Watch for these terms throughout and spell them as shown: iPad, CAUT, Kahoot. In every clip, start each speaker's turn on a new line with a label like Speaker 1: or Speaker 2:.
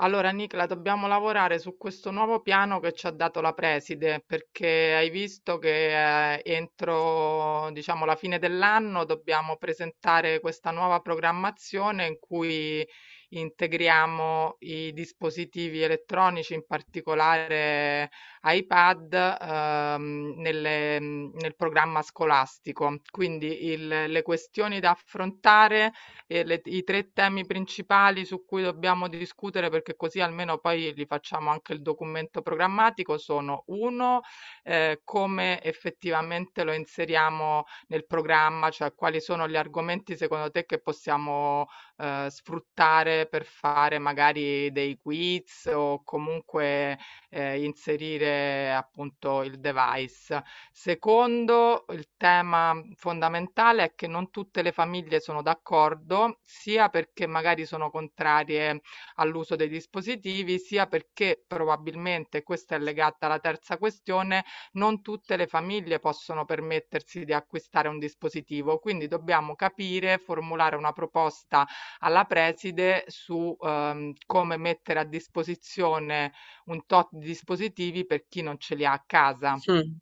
Speaker 1: Allora, Nicla, dobbiamo lavorare su questo nuovo piano che ci ha dato la preside, perché hai visto che entro, diciamo, la fine dell'anno dobbiamo presentare questa nuova programmazione in cui integriamo i dispositivi elettronici, in particolare iPad, nel programma scolastico. Quindi le questioni da affrontare i tre temi principali su cui dobbiamo discutere, perché così almeno poi li facciamo anche il documento programmatico, sono uno, come effettivamente lo inseriamo nel programma, cioè quali sono gli argomenti secondo te che possiamo sfruttare per fare magari dei quiz o comunque inserire appunto il device. Secondo, il tema fondamentale è che non tutte le famiglie sono d'accordo, sia perché magari sono contrarie all'uso dei dispositivi, sia perché probabilmente, questa è legata alla terza questione, non tutte le famiglie possono permettersi di acquistare un dispositivo. Quindi dobbiamo capire, formulare una proposta alla preside su, come mettere a disposizione un tot di dispositivi per chi non ce li ha a casa.
Speaker 2: Mm,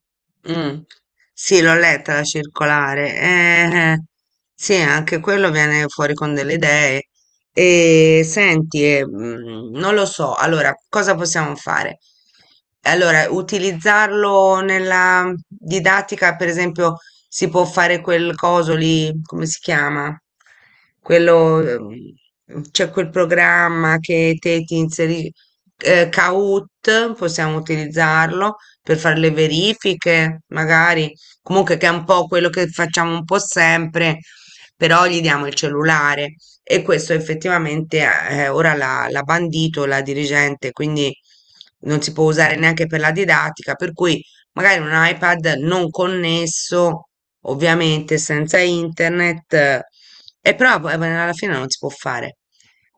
Speaker 2: mm. Sì, l'ho letta la circolare. Sì, anche quello viene fuori con delle idee. E senti, non lo so. Allora, cosa possiamo fare? Allora, utilizzarlo nella didattica, per esempio, si può fare quel coso lì, come si chiama? Quello, c'è quel programma che te ti inserisci, Kahoot, possiamo utilizzarlo per fare le verifiche, magari. Comunque che è un po' quello che facciamo un po' sempre, però gli diamo il cellulare. E questo effettivamente ora l'ha bandito la dirigente, quindi non si può usare neanche per la didattica, per cui magari un iPad non connesso, ovviamente senza internet, e però poi alla fine non si può fare.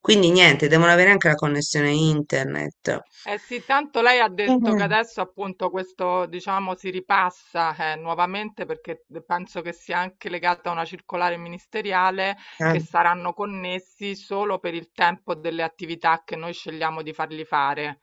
Speaker 2: Quindi niente, devono avere anche la connessione internet.
Speaker 1: Eh sì, tanto lei ha
Speaker 2: Eh,
Speaker 1: detto che adesso appunto questo, diciamo, si ripassa nuovamente perché penso che sia anche legata a una circolare ministeriale
Speaker 2: eh.
Speaker 1: che saranno connessi solo per il tempo delle attività che noi scegliamo di fargli fare.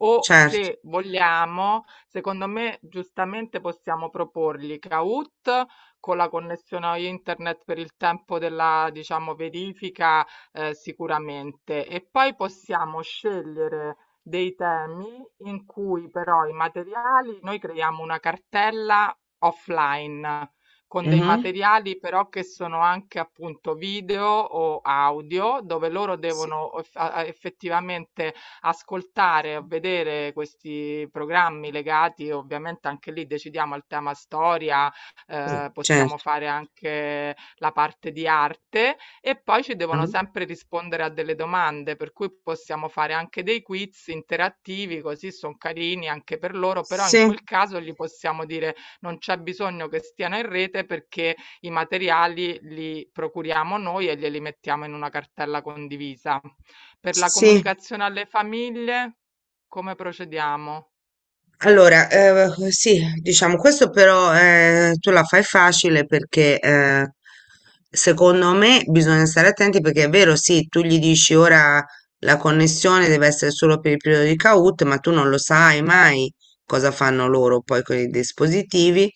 Speaker 1: O
Speaker 2: Cert,
Speaker 1: se vogliamo, secondo me giustamente possiamo proporgli Kahoot con la connessione a internet per il tempo della, diciamo, verifica sicuramente e poi possiamo scegliere dei temi in cui però i materiali, noi creiamo una cartella offline con dei
Speaker 2: mh-mh,
Speaker 1: materiali però che sono anche appunto video o audio, dove loro
Speaker 2: sì.
Speaker 1: devono effettivamente ascoltare o vedere questi programmi legati, ovviamente anche lì decidiamo al tema storia,
Speaker 2: Sì,
Speaker 1: possiamo
Speaker 2: certo.
Speaker 1: fare anche la parte di arte e poi ci devono
Speaker 2: Mh-mh.
Speaker 1: sempre rispondere a delle domande, per cui possiamo fare anche dei quiz interattivi, così sono carini anche per loro, però in
Speaker 2: Sì,
Speaker 1: quel caso gli possiamo dire non c'è bisogno che stiano in rete perché i materiali li procuriamo noi e glieli mettiamo in una cartella condivisa. Per la
Speaker 2: sì.
Speaker 1: comunicazione alle famiglie, come procediamo?
Speaker 2: Allora, sì, diciamo, questo però tu la fai facile perché secondo me bisogna stare attenti perché è vero, sì, tu gli dici ora la connessione deve essere solo per il periodo di CAUT, ma tu non lo sai mai cosa fanno loro poi con i dispositivi.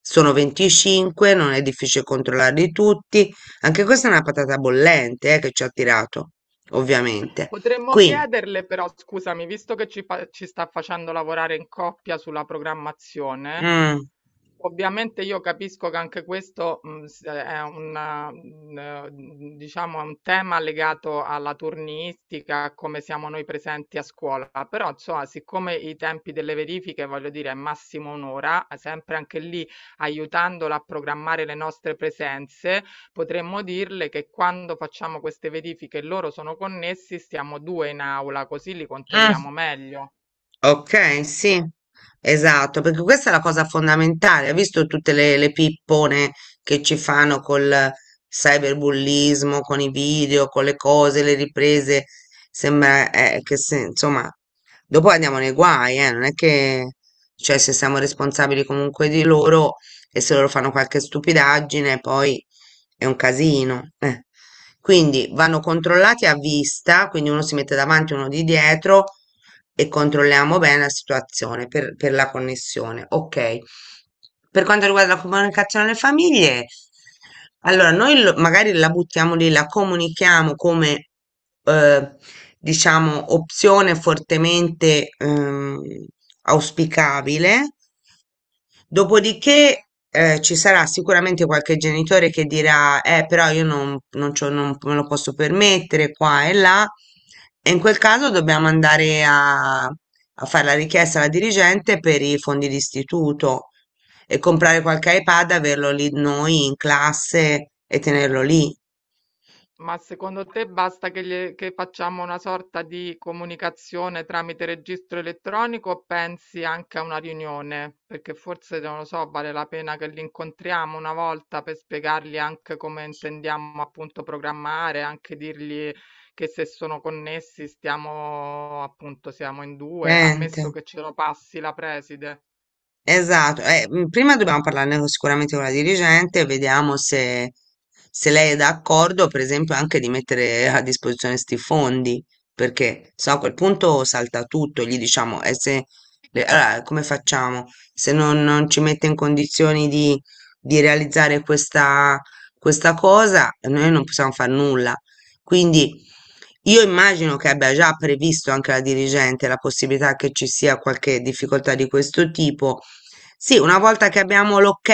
Speaker 2: Sono 25, non è difficile controllarli tutti. Anche questa è una patata bollente, che ci ha tirato, ovviamente.
Speaker 1: Potremmo
Speaker 2: Quindi,
Speaker 1: chiederle però, scusami, visto che ci sta facendo lavorare in coppia sulla programmazione,
Speaker 2: mm,
Speaker 1: ovviamente io capisco che anche questo è una, diciamo, è un tema legato alla turnistica, a come siamo noi presenti a scuola, però insomma, siccome i tempi delle verifiche, voglio dire, è massimo un'ora, sempre anche lì aiutandola a programmare le nostre presenze, potremmo dirle che quando facciamo queste verifiche e loro sono connessi, stiamo due in aula, così li
Speaker 2: mm.
Speaker 1: controlliamo meglio.
Speaker 2: Ok, sì, esatto, perché questa è la cosa fondamentale. Hai visto tutte le pippone che ci fanno col cyberbullismo, con i video, con le cose, le riprese? Sembra, che insomma, dopo andiamo nei guai, eh. Non è che, cioè, se siamo responsabili comunque di loro e se loro fanno qualche stupidaggine, poi è un casino, eh. Quindi vanno controllati a vista, quindi uno si mette davanti, uno di dietro e controlliamo bene la situazione per la connessione. Ok. Per quanto riguarda la comunicazione alle famiglie, allora noi magari la buttiamo lì, la comunichiamo come eh, diciamo opzione fortemente auspicabile. Dopodiché, ci sarà sicuramente qualche genitore che dirà, però io non, non me lo posso permettere qua e là, e in quel caso dobbiamo andare a, a fare la richiesta alla dirigente per i fondi d'istituto e comprare qualche iPad, averlo lì noi in classe e tenerlo lì.
Speaker 1: Ma secondo te basta che facciamo una sorta di comunicazione tramite registro elettronico o pensi anche a una riunione? Perché forse, non lo so, vale la pena che li incontriamo una volta per spiegargli anche come intendiamo appunto programmare, anche dirgli che se sono connessi stiamo appunto siamo in due,
Speaker 2: Sente.
Speaker 1: ammesso che ce lo passi la preside.
Speaker 2: Esatto, prima dobbiamo sicuramente con la dirigente, vediamo se, se lei è d'accordo, per esempio, anche di mettere a disposizione questi fondi, perché se no a quel punto salta tutto, gli diciamo, e se, allora, come facciamo? Se non, non ci mette in condizioni di realizzare questa, questa cosa, noi non possiamo fare nulla. Quindi io immagino che abbia già previsto anche la dirigente la possibilità che ci sia qualche difficoltà di questo tipo. Sì, una volta che abbiamo l'ok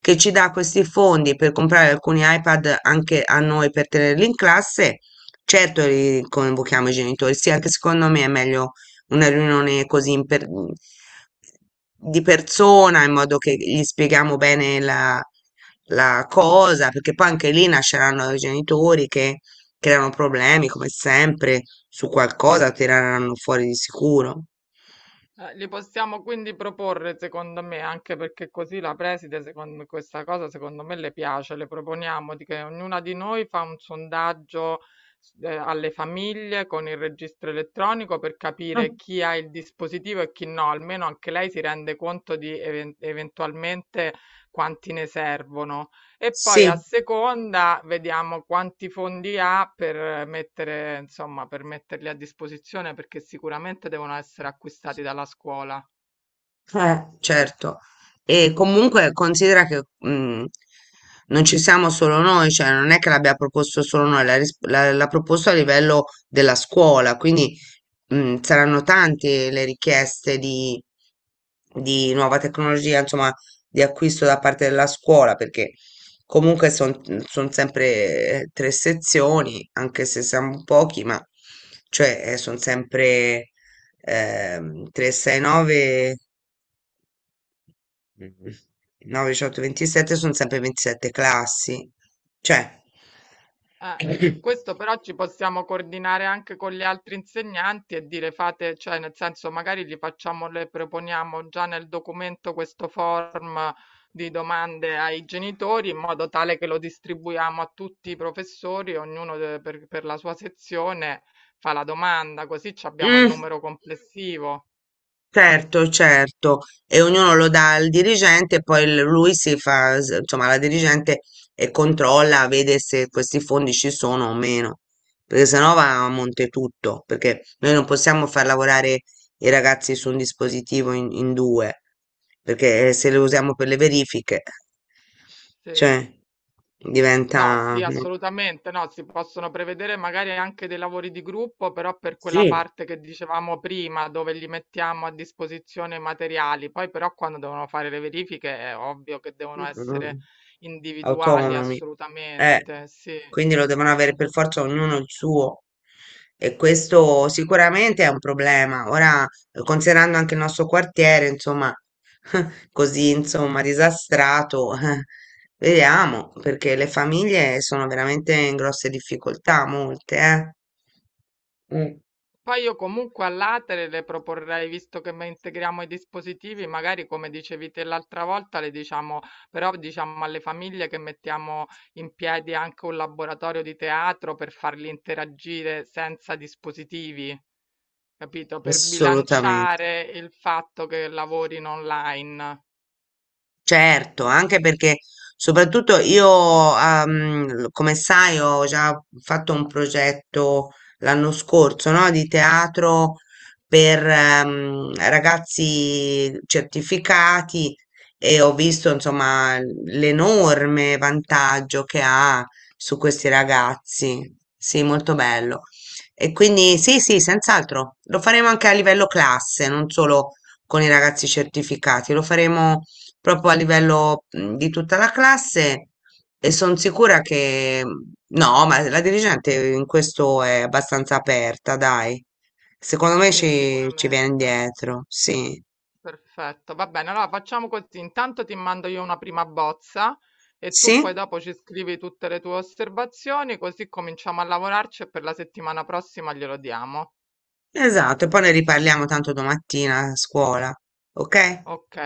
Speaker 2: che ci dà questi fondi per comprare alcuni iPad anche a noi per tenerli in classe, certo li convochiamo i genitori. Sì, anche secondo me è meglio una riunione così di persona in modo che gli spieghiamo bene la la cosa, perché poi anche lì nasceranno i genitori che creano problemi come sempre, su qualcosa tireranno fuori di sicuro.
Speaker 1: Li possiamo quindi proporre, secondo me, anche perché così la preside, secondo questa cosa, secondo me le piace. Le proponiamo di che ognuna di noi fa un sondaggio alle famiglie con il registro elettronico per
Speaker 2: Ah,
Speaker 1: capire chi ha il dispositivo e chi no, almeno anche lei si rende conto di eventualmente quanti ne servono. E poi a
Speaker 2: sì.
Speaker 1: seconda vediamo quanti fondi ha per mettere, insomma, per metterli a disposizione perché sicuramente devono essere acquistati dalla scuola.
Speaker 2: Certo. E comunque considera che, non ci siamo solo noi, cioè non è che l'abbia proposto solo noi, l'ha proposto a livello della scuola, quindi, saranno tante le richieste di nuova tecnologia, insomma, di acquisto da parte della scuola, perché comunque sono sempre, tre sezioni, anche se siamo pochi, ma cioè sono sempre, 369. Mhm. 9, 18, 27, sono sempre 27 classi. Cioè,
Speaker 1: Eh, questo però ci possiamo coordinare anche con gli altri insegnanti e dire fate, cioè nel senso magari gli facciamo, le proponiamo già nel documento questo form di domande ai genitori in modo tale che lo distribuiamo a tutti i professori, per la sua sezione fa la domanda, così ci abbiamo il
Speaker 2: mm.
Speaker 1: numero complessivo.
Speaker 2: Certo, certo, e ognuno lo dà al dirigente, e poi lui si fa, insomma, la dirigente e controlla, vede se questi fondi ci sono o meno, perché sennò va a monte tutto, perché noi non possiamo far lavorare i ragazzi su un dispositivo in, in due, perché, se lo usiamo per le verifiche,
Speaker 1: Sì.
Speaker 2: cioè,
Speaker 1: No,
Speaker 2: diventa...
Speaker 1: sì,
Speaker 2: no?
Speaker 1: assolutamente no, si possono prevedere magari anche dei lavori di gruppo, però per quella
Speaker 2: Sì,
Speaker 1: parte che dicevamo prima, dove gli mettiamo a disposizione i materiali. Poi però quando devono fare le verifiche è ovvio che devono essere individuali,
Speaker 2: autonomi. Eh,
Speaker 1: assolutamente, sì.
Speaker 2: quindi lo devono avere per forza ognuno il suo. E questo sicuramente è un problema. Ora, considerando anche il nostro quartiere, insomma, così, insomma, disastrato, vediamo, perché le famiglie sono veramente in grosse difficoltà, molte, eh. Mm,
Speaker 1: Poi io comunque all'atere le proporrei, visto che integriamo i dispositivi, magari come dicevi te l'altra volta, le diciamo, però diciamo alle famiglie che mettiamo in piedi anche un laboratorio di teatro per farli interagire senza dispositivi, capito? Per
Speaker 2: assolutamente.
Speaker 1: bilanciare il fatto che lavorino online.
Speaker 2: Certo, anche perché soprattutto io, come sai, ho già fatto un progetto l'anno scorso, no, di teatro per, ragazzi certificati e ho visto, insomma, l'enorme vantaggio che ha su questi ragazzi. Sì, molto bello. E quindi sì, sì, senz'altro, lo faremo anche a livello classe, non solo con i ragazzi certificati, lo faremo proprio a livello, di tutta la classe e sono sicura che, mhmm, no, ma la dirigente in questo è abbastanza aperta, dai. Secondo me
Speaker 1: Sì,
Speaker 2: ci, ci viene
Speaker 1: sicuramente.
Speaker 2: dietro, sì.
Speaker 1: Perfetto, va bene. Allora facciamo così. Intanto ti mando io una prima bozza e tu poi
Speaker 2: Sì,
Speaker 1: dopo ci scrivi tutte le tue osservazioni, così cominciamo a lavorarci e per la settimana prossima glielo diamo.
Speaker 2: esatto, e poi ne riparliamo tanto domattina a scuola, ok?
Speaker 1: Ok.